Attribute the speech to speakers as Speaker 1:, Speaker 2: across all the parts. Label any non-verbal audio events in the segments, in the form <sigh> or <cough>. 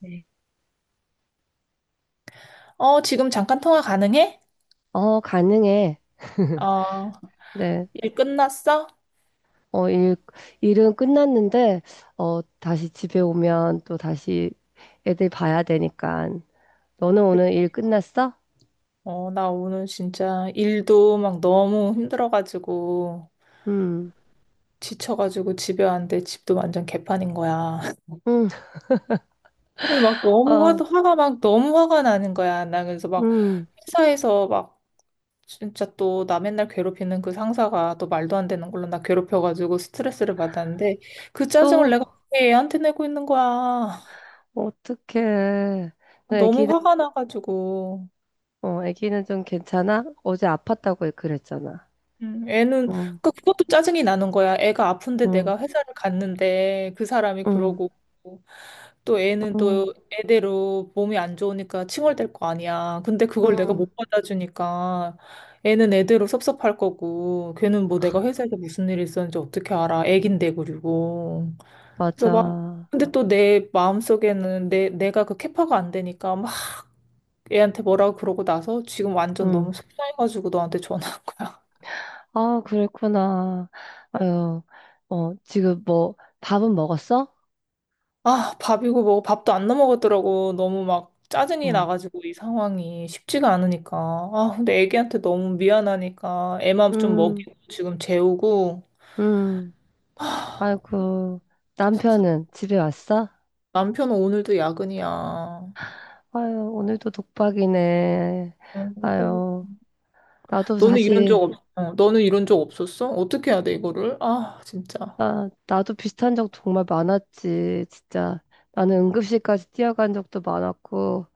Speaker 1: 네. 지금 잠깐 통화 가능해?
Speaker 2: 어, 가능해.
Speaker 1: 어,
Speaker 2: 네.
Speaker 1: 일 끝났어?
Speaker 2: 어, 일은 끝났는데, 어, 다시 집에 오면 또 다시 애들 봐야 되니까. 너는
Speaker 1: 그-
Speaker 2: 오늘 일 끝났어?
Speaker 1: 나 오늘 진짜 일도 막 너무 힘들어가지고,
Speaker 2: 음,
Speaker 1: 지쳐가지고 집에 왔는데 집도 완전 개판인 거야. <laughs>
Speaker 2: 음,
Speaker 1: 그래서 막 너무
Speaker 2: 어,
Speaker 1: 화가 막 너무 화가 나는 거야. 나 그래서 막
Speaker 2: 음.
Speaker 1: 회사에서 막 진짜 또 나 맨날 괴롭히는 그 상사가 또 말도 안 되는 걸로 나 괴롭혀가지고 스트레스를 받았는데 그 짜증을
Speaker 2: 또,
Speaker 1: 내가 어떻게 애한테 내고 있는 거야.
Speaker 2: 어떡해. 너
Speaker 1: 너무
Speaker 2: 애기는,
Speaker 1: 화가 나가지고.
Speaker 2: 어, 애기는 좀 괜찮아? 어제 아팠다고 그랬잖아.
Speaker 1: 애는
Speaker 2: 응,
Speaker 1: 그러니까 그것도 짜증이 나는 거야. 애가 아픈데
Speaker 2: 응,
Speaker 1: 내가 회사를 갔는데 그 사람이
Speaker 2: 응,
Speaker 1: 그러고 또 애는
Speaker 2: 응,
Speaker 1: 또 애대로 몸이 안 좋으니까 칭얼댈 거 아니야. 근데 그걸 내가
Speaker 2: 응.
Speaker 1: 못 받아주니까 애는 애대로 섭섭할 거고 걔는 뭐 내가 회사에서 무슨 일이 있었는지 어떻게 알아. 애긴데 그리고 그래서 막
Speaker 2: 맞아.
Speaker 1: 근데 또 내 마음속에는 내 내가 그 캐파가 안 되니까 막 애한테 뭐라고 그러고 나서 지금 완전
Speaker 2: 응.
Speaker 1: 너무 속상해가지고 너한테 전화한 거야.
Speaker 2: 아, 그랬구나. 아유, 어, 지금 뭐, 밥은 먹었어?
Speaker 1: 아, 밥이고 뭐 밥도 안 넘어가더라고. 너무 막 짜증이
Speaker 2: 응.
Speaker 1: 나가지고 이 상황이 쉽지가 않으니까. 아, 근데 애기한테 너무 미안하니까 애만 좀
Speaker 2: 음,
Speaker 1: 먹이고 지금 재우고.
Speaker 2: 음.
Speaker 1: 아,
Speaker 2: 아이고,
Speaker 1: 진짜 속상.
Speaker 2: 남편은 집에 왔어?
Speaker 1: 남편은 오늘도 야근이야.
Speaker 2: 아유, 오늘도 독박이네.
Speaker 1: 응, 그러니까.
Speaker 2: 아유, 나도
Speaker 1: 너는 이런
Speaker 2: 사실,
Speaker 1: 적 없, 너는 이런 적 없었어? 어떻게 해야 돼, 이거를? 아, 진짜.
Speaker 2: 아, 나도 비슷한 적 정말 많았지, 진짜. 나는 응급실까지 뛰어간 적도 많았고,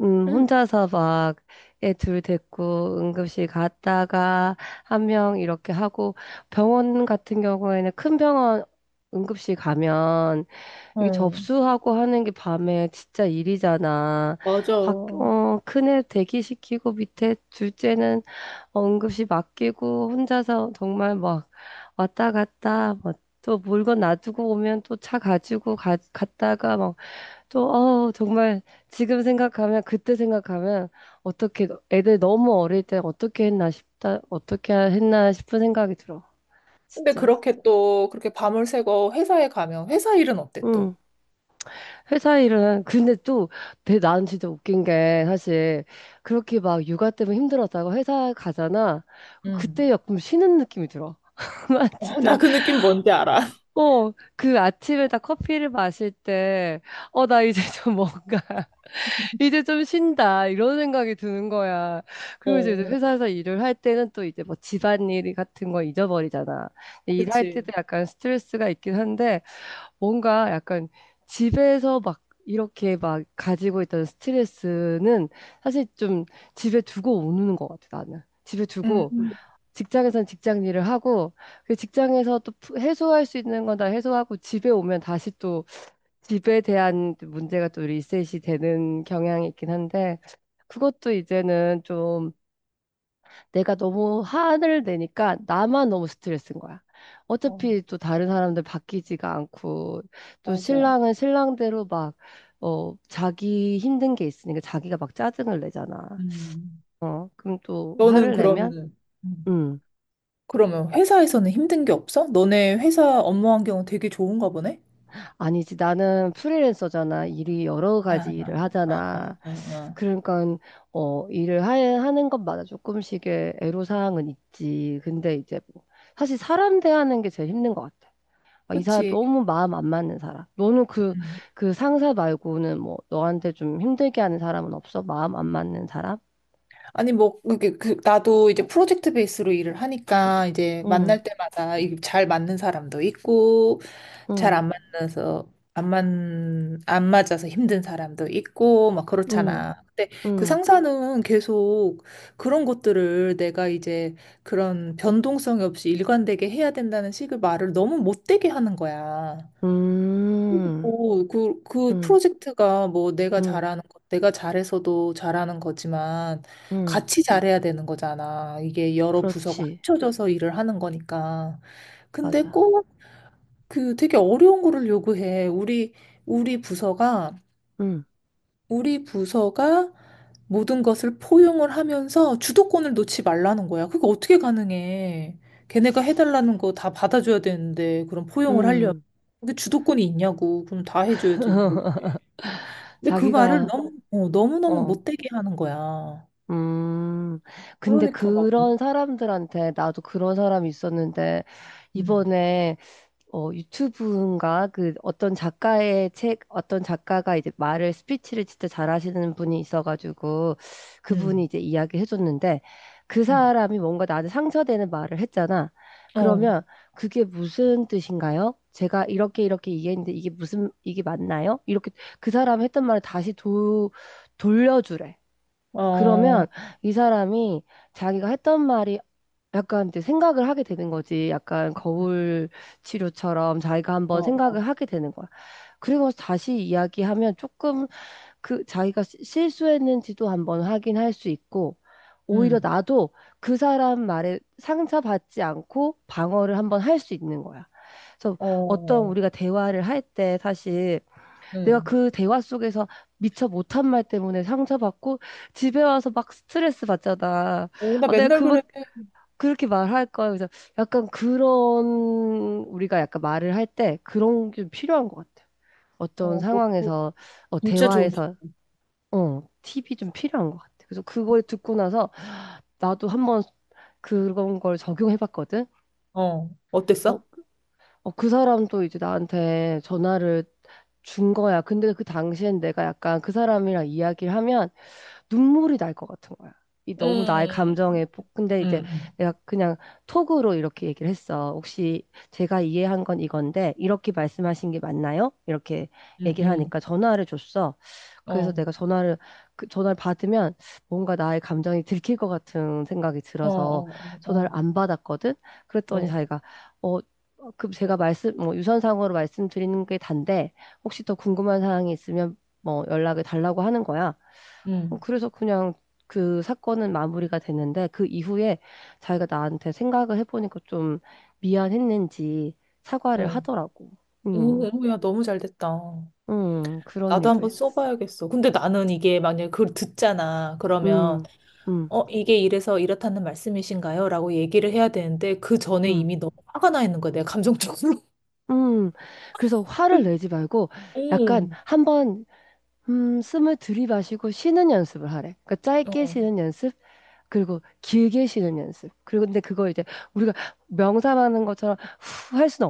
Speaker 1: 응.
Speaker 2: 혼자서 막, 애 둘 데리고 응급실 갔다가, 한 명 이렇게 하고, 병원 같은 경우에는 큰 병원 응급실 가면, 이게
Speaker 1: 어,
Speaker 2: 접수하고 하는 게 밤에 진짜 일이잖아.
Speaker 1: 맞아.
Speaker 2: 어, 큰애 대기시키고 밑에 둘째는 응급실 맡기고 혼자서 정말 막 왔다 갔다 막 또 물건 놔두고 오면 또 차 가지고 갔다가 막 또, 어, 정말 지금 생각하면 그때 생각하면 어떻게 애들 너무 어릴 때 어떻게 했나 싶다, 어떻게 했나 싶은 생각이 들어. 진짜.
Speaker 1: 그렇게 밤을 새고 회사에 가면 회사 일은 어때
Speaker 2: 응.
Speaker 1: 또?
Speaker 2: 회사 일은 근데 또 난 진짜 웃긴 게 사실 그렇게 막 육아 때문에 힘들었다고 회사 가잖아.
Speaker 1: 응.
Speaker 2: 그때 약간 쉬는 느낌이 들어. <laughs> 난
Speaker 1: 어,
Speaker 2: 진짜
Speaker 1: 나 그 느낌 뭔지 알아. <laughs>
Speaker 2: 어 그 아침에 딱 커피를 마실 때 어 나 이제 좀 뭔가 <laughs> 이제 좀 쉰다 이런 생각이 드는 거야. 그리고 이제
Speaker 1: 어.
Speaker 2: 회사에서 일을 할 때는 또 이제 뭐 집안일 같은 거 잊어버리잖아. 근데 일할
Speaker 1: 그치.
Speaker 2: 때도 약간 스트레스가 있긴 한데 뭔가 약간 집에서 막 이렇게 막 가지고 있던 스트레스는 사실 좀 집에 두고 오는 것 같아, 나는. 집에
Speaker 1: 음,
Speaker 2: 두고
Speaker 1: 음.
Speaker 2: 직장에선 직장 일을 하고 그 직장에서 또 해소할 수 있는 건 다 해소하고 집에 오면 다시 또 집에 대한 문제가 또 리셋이 되는 경향이 있긴 한데 그것도 이제는 좀 내가 너무 화를 내니까 나만 너무 스트레스인 거야.
Speaker 1: 어,
Speaker 2: 어차피 또 다른 사람들 바뀌지가 않고, 또
Speaker 1: 맞아.
Speaker 2: 신랑은 신랑대로 막, 어, 자기 힘든 게 있으니까 자기가 막 짜증을 내잖아.
Speaker 1: 음.
Speaker 2: 어, 그럼 또
Speaker 1: 너는
Speaker 2: 화를
Speaker 1: 그러
Speaker 2: 내면,
Speaker 1: 면 음.
Speaker 2: 음,
Speaker 1: 그러면 회사에서는 힘든 게 없어? 너네 회사 업무 환경은 되게 좋은가 보네?
Speaker 2: 아니지. 나는 프리랜서잖아. 일이 여러
Speaker 1: 아,
Speaker 2: 가지
Speaker 1: 아,
Speaker 2: 일을
Speaker 1: 아,
Speaker 2: 하잖아.
Speaker 1: 아. 아.
Speaker 2: 그러니까, 어, 일을 하는 것마다 조금씩의 애로사항은 있지. 근데 이제 뭐, 사실 사람 대하는 게 제일 힘든 것 같아. 아, 이 사람
Speaker 1: 그치.
Speaker 2: 너무 마음 안 맞는 사람. 너는 그,
Speaker 1: 음,
Speaker 2: 그 상사 말고는 뭐, 너한테 좀 힘들게 하는 사람은 없어? 마음 안 맞는 사람?
Speaker 1: 아니 뭐 그게 그 나도 이제 프로젝트 베이스로 일을 하니까 이제
Speaker 2: 응,
Speaker 1: 만날 때마다 이게 잘 맞는 사람도 있고 잘
Speaker 2: 응,
Speaker 1: 안 만나서 안 맞아서 힘든 사람도 있고 막
Speaker 2: 응,
Speaker 1: 그렇잖아. 근데 그
Speaker 2: 응,
Speaker 1: 상사는 계속 그런 것들을 내가 이제 그런 변동성이 없이 일관되게 해야 된다는 식의 말을 너무 못되게 하는 거야.
Speaker 2: 음,
Speaker 1: 그
Speaker 2: 응,
Speaker 1: 프로젝트가 뭐
Speaker 2: 응,
Speaker 1: 내가 잘해서도 잘하는 거지만
Speaker 2: 응.
Speaker 1: 같이 잘해야 되는 거잖아. 이게 여러 부서가
Speaker 2: 그렇지.
Speaker 1: 합쳐져서 일을 하는 거니까. 근데
Speaker 2: 맞아.
Speaker 1: 꼭 그 되게 어려운 거를 요구해. 우리 부서가,
Speaker 2: 응,
Speaker 1: 우리 부서가 모든 것을 포용을 하면서 주도권을 놓지 말라는 거야. 그게 어떻게 가능해? 걔네가 해달라는 거 다 받아줘야 되는데, 그럼 포용을 하려면.
Speaker 2: 응.
Speaker 1: 그게 주도권이 있냐고. 그럼 다 해줘야 지
Speaker 2: <laughs>
Speaker 1: 근데 그 말을
Speaker 2: 자기가,
Speaker 1: 너무너무
Speaker 2: 어,
Speaker 1: 못되게 하는 거야.
Speaker 2: 음. 근데
Speaker 1: 그러니까 막,
Speaker 2: 그런 사람들한테, 나도 그런 사람이 있었는데,
Speaker 1: 음,
Speaker 2: 이번에 어, 유튜브인가? 그 어떤 작가의 책, 어떤 작가가 이제 말을, 스피치를 진짜 잘하시는 분이 있어가지고 그분이
Speaker 1: 음,
Speaker 2: 이제 이야기 해줬는데 그
Speaker 1: 음.
Speaker 2: 사람이 뭔가 나한테 상처되는 말을 했잖아.
Speaker 1: 어,
Speaker 2: 그러면 그게 무슨 뜻인가요? 제가 이렇게 이렇게 이해했는데 이게 무슨, 이게 맞나요? 이렇게 그 사람이 했던 말을 다시 돌려주래.
Speaker 1: 어, 어,
Speaker 2: 그러면 이 사람이 자기가 했던 말이 약간 이제 생각을 하게 되는 거지. 약간 거울 치료처럼 자기가 한번
Speaker 1: 어,
Speaker 2: 생각을 하게 되는 거야. 그리고 다시 이야기하면 조금 그 자기가 실수했는지도 한번 확인할 수 있고, 오히려
Speaker 1: 음,
Speaker 2: 나도 그 사람 말에 상처받지 않고 방어를 한번 할 수 있는 거야. 그래서 어떤
Speaker 1: 어,
Speaker 2: 우리가 대화를 할 때 사실 내가
Speaker 1: 음.
Speaker 2: 그 대화 속에서 미처 못한 말 때문에 상처받고 집에 와서 막 스트레스 받잖아.
Speaker 1: 어, 나
Speaker 2: 어, 내가
Speaker 1: 맨날
Speaker 2: 그
Speaker 1: 그래.
Speaker 2: 그렇게 말할 거야. 그래서 약간 그런 우리가 약간 말을 할 때 그런 게 좀 필요한 것 같아요. 어떤
Speaker 1: 어, 너,
Speaker 2: 상황에서 어,
Speaker 1: 진짜 좋은, 기-
Speaker 2: 대화에서 어, 팁이 좀 필요한 것 같아요. 그래서 그걸 듣고 나서 나도 한번 그런 걸 적용해 봤거든.
Speaker 1: 어,
Speaker 2: 어,
Speaker 1: 어땠어?
Speaker 2: 어, 그 사람도 이제 나한테 전화를 준 거야. 근데 그 당시엔 내가 약간 그 사람이랑 이야기를 하면 눈물이 날 것 같은 거야. 이 너무 나의
Speaker 1: 응,
Speaker 2: 감정에 근데 이제
Speaker 1: 응,
Speaker 2: 내가 그냥 톡으로 이렇게 얘기를 했어. 혹시 제가 이해한 건 이건데 이렇게 말씀하신 게 맞나요? 이렇게
Speaker 1: 응,
Speaker 2: 얘기를
Speaker 1: 응,
Speaker 2: 하니까 전화를 줬어. 그래서
Speaker 1: 어,
Speaker 2: 내가 전화를 그 전화를 받으면 뭔가 나의 감정이 들킬 것 같은 생각이
Speaker 1: 어,
Speaker 2: 들어서
Speaker 1: 어,
Speaker 2: 전화를
Speaker 1: 어,
Speaker 2: 안 받았거든.
Speaker 1: 어,
Speaker 2: 그랬더니
Speaker 1: 어,
Speaker 2: 자기가 어 그 제가 말씀 뭐 유선상으로 말씀드리는 게 단데 혹시 더 궁금한 사항이 있으면 뭐 연락을 달라고 하는 거야. 어,
Speaker 1: 응,
Speaker 2: 그래서 그냥 그 사건은 마무리가 됐는데 그 이후에 자기가 나한테 생각을 해보니까 좀 미안했는지 사과를
Speaker 1: 어.
Speaker 2: 하더라고. 음,
Speaker 1: 오, 야, 너무 잘 됐다.
Speaker 2: 그런
Speaker 1: 나도
Speaker 2: 일도
Speaker 1: 한번
Speaker 2: 있었어.
Speaker 1: 써봐야겠어. 근데 나는 이게 만약에 그걸 듣잖아. 그러면,
Speaker 2: 음, 음,
Speaker 1: 어, 이게 이래서 이렇다는 말씀이신가요? 라고 얘기를 해야 되는데, 그 전에
Speaker 2: 음,
Speaker 1: 이미 너무 화가 나 있는 거야. 내가 감정적으로.
Speaker 2: 음. 그래서 화를
Speaker 1: <laughs>
Speaker 2: 내지 말고 약간
Speaker 1: 응
Speaker 2: 한번 숨을 들이마시고 쉬는 연습을 하래. 그러니까
Speaker 1: 어,
Speaker 2: 짧게
Speaker 1: 어,
Speaker 2: 쉬는 연습, 그리고 길게 쉬는 연습. 그리고 근데 그걸 이제 우리가 명상하는 것처럼 후 할 수는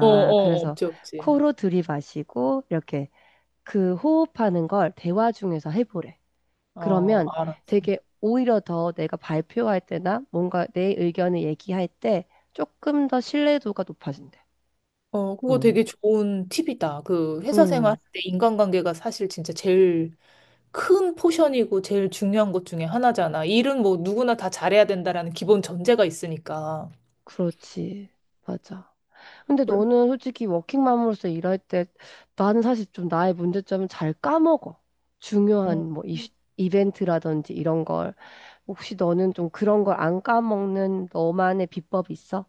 Speaker 1: 어, 어.
Speaker 2: 그래서
Speaker 1: 없지, 없지.
Speaker 2: 코로 들이마시고 이렇게 그 호흡하는 걸 대화 중에서 해보래.
Speaker 1: 어,
Speaker 2: 그러면
Speaker 1: 알았
Speaker 2: 되게
Speaker 1: 어
Speaker 2: 오히려 더 내가 발표할 때나 뭔가 내 의견을 얘기할 때 조금 더 신뢰도가 높아진대.
Speaker 1: 어, 그거
Speaker 2: 응,
Speaker 1: 되게 좋은 팁이다. 그 회사 생활할
Speaker 2: 응,
Speaker 1: 때 인간관계가 사실 진짜 제일 큰 포션이고 제일 중요한 것 중에 하나잖아. 일은 뭐 누구나 다 잘해야 된다라는 기본 전제가 있으니까.
Speaker 2: 그렇지. 맞아. 근데
Speaker 1: 그래.
Speaker 2: 너는 솔직히 워킹맘으로서 일할 때 나는 사실 좀 나의 문제점은 잘 까먹어.
Speaker 1: 음.
Speaker 2: 중요한 뭐 이벤트라든지 이런 걸. 혹시 너는 좀 그런 걸 안 까먹는 너만의 비법이 있어?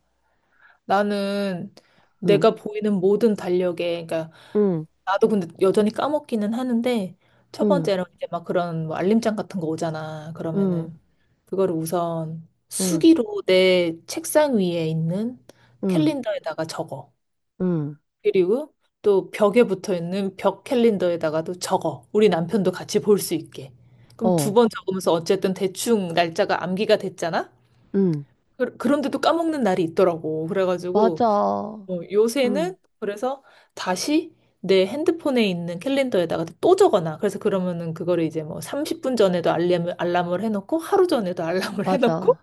Speaker 1: 나는
Speaker 2: 응,
Speaker 1: 내가 보이는 모든 달력에, 그러니까
Speaker 2: 응,
Speaker 1: 나도 근데 여전히 까먹기는 하는데 첫
Speaker 2: 응,
Speaker 1: 번째로 이제 막 그런 뭐 알림장 같은 거 오잖아.
Speaker 2: 응,
Speaker 1: 그러면은 그거를 우선
Speaker 2: 응,
Speaker 1: 수기로 내 책상 위에 있는
Speaker 2: 응,
Speaker 1: 캘린더에다가 적어.
Speaker 2: 응,
Speaker 1: 그리고 또 벽에 붙어 있는 벽 캘린더에다가도 적어. 우리 남편도 같이 볼 수 있게. 그럼 두
Speaker 2: 어,
Speaker 1: 번 적으면서 어쨌든 대충 날짜가 암기가 됐잖아?
Speaker 2: 응,
Speaker 1: 그런데도 까먹는 날이 있더라고. 그래가지고
Speaker 2: 맞아.
Speaker 1: 어,
Speaker 2: 응,
Speaker 1: 요새는 그래서 다시 내 핸드폰에 있는 캘린더에다가 또 적어놔. 그래서 그러면은 그거를 이제 뭐 30분 전에도 알람을 해놓고 하루 전에도 알람을 <laughs>
Speaker 2: 맞아.
Speaker 1: 해놓고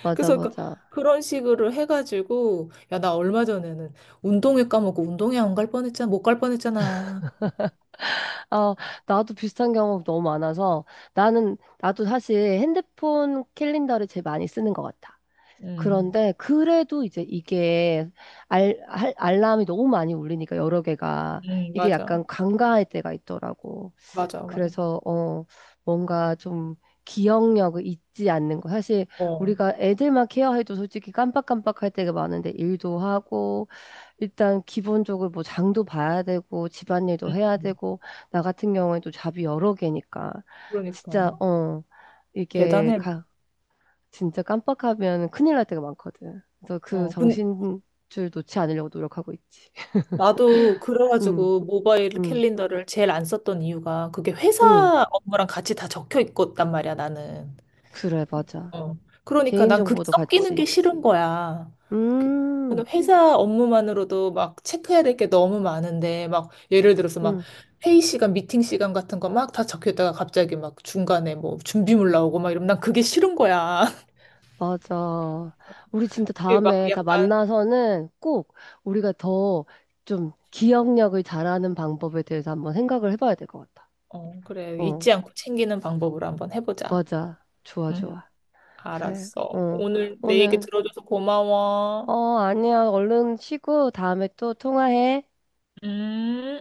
Speaker 2: 맞아,
Speaker 1: 그래서 그
Speaker 2: 맞아.
Speaker 1: 그런 식으로 해가지고 야, 나 얼마 전에는 운동회 까먹고 운동회 안 갈 뻔했잖아. 못 갈 뻔했잖아.
Speaker 2: 아, 나도 비슷한 경험 너무 많아서 나도 사실 핸드폰 캘린더를 제일 많이 쓰는 것 같아.
Speaker 1: 응,
Speaker 2: 그런데 그래도 이제 이게 알람이 너무 많이 울리니까 여러 개가
Speaker 1: 응,
Speaker 2: 이게
Speaker 1: 맞아.
Speaker 2: 약간 간과할 때가 있더라고.
Speaker 1: 맞아, 맞아.
Speaker 2: 그래서 어 뭔가 좀 기억력을 잊지 않는 거. 사실
Speaker 1: 어.
Speaker 2: 우리가 애들만 케어해도 솔직히 깜빡깜빡할 때가 많은데 일도 하고 일단 기본적으로 뭐 장도 봐야 되고 집안일도
Speaker 1: 응
Speaker 2: 해야
Speaker 1: 응.
Speaker 2: 되고 나 같은 경우에도 잡이 여러 개니까 진짜
Speaker 1: 그러니까
Speaker 2: 어 이게
Speaker 1: 대단해.
Speaker 2: 가 진짜 깜빡하면 큰일 날 때가 많거든. 그래서 그
Speaker 1: 근
Speaker 2: 정신줄 놓지 않으려고 노력하고 있지. <laughs>
Speaker 1: 나도
Speaker 2: 응,
Speaker 1: 그래가지고 모바일
Speaker 2: 응,
Speaker 1: 캘린더를 제일 안 썼던 이유가 그게
Speaker 2: 응.
Speaker 1: 회사 업무랑 같이 다 적혀 있었단 말이야, 나는.
Speaker 2: 그래, 맞아.
Speaker 1: 어. 그러니까 난 그게
Speaker 2: 개인정보도
Speaker 1: 섞이는 게
Speaker 2: 같이.
Speaker 1: 싫은 거야. 그-
Speaker 2: 음,
Speaker 1: 저는 회사 업무만으로도 막 체크해야 될 게 너무 많은데, 막 예를 들어서 막
Speaker 2: 응,
Speaker 1: 회의 시간, 미팅 시간 같은 거 막 다 적혀 있다가 갑자기 막 중간에 뭐 준비물 나오고 막 이러면 난 그게 싫은 거야. <laughs>
Speaker 2: 맞아. 우리 진짜
Speaker 1: 그게 막
Speaker 2: 다음에 다
Speaker 1: 약간,
Speaker 2: 만나서는 꼭 우리가 더 좀 기억력을 잘하는 방법에 대해서 한번 생각을 해봐야 될 것 같아.
Speaker 1: 어, 그래.
Speaker 2: 어,
Speaker 1: 잊지 않고 챙기는 방법으로 한번 해보자.
Speaker 2: 맞아. 좋아,
Speaker 1: 응,
Speaker 2: 좋아. 그래,
Speaker 1: 알았어.
Speaker 2: 어.
Speaker 1: 오늘 내 얘기
Speaker 2: 오늘,
Speaker 1: 들어줘서 고마워.
Speaker 2: 어, 아니야. 얼른 쉬고 다음에 또 통화해.
Speaker 1: 음.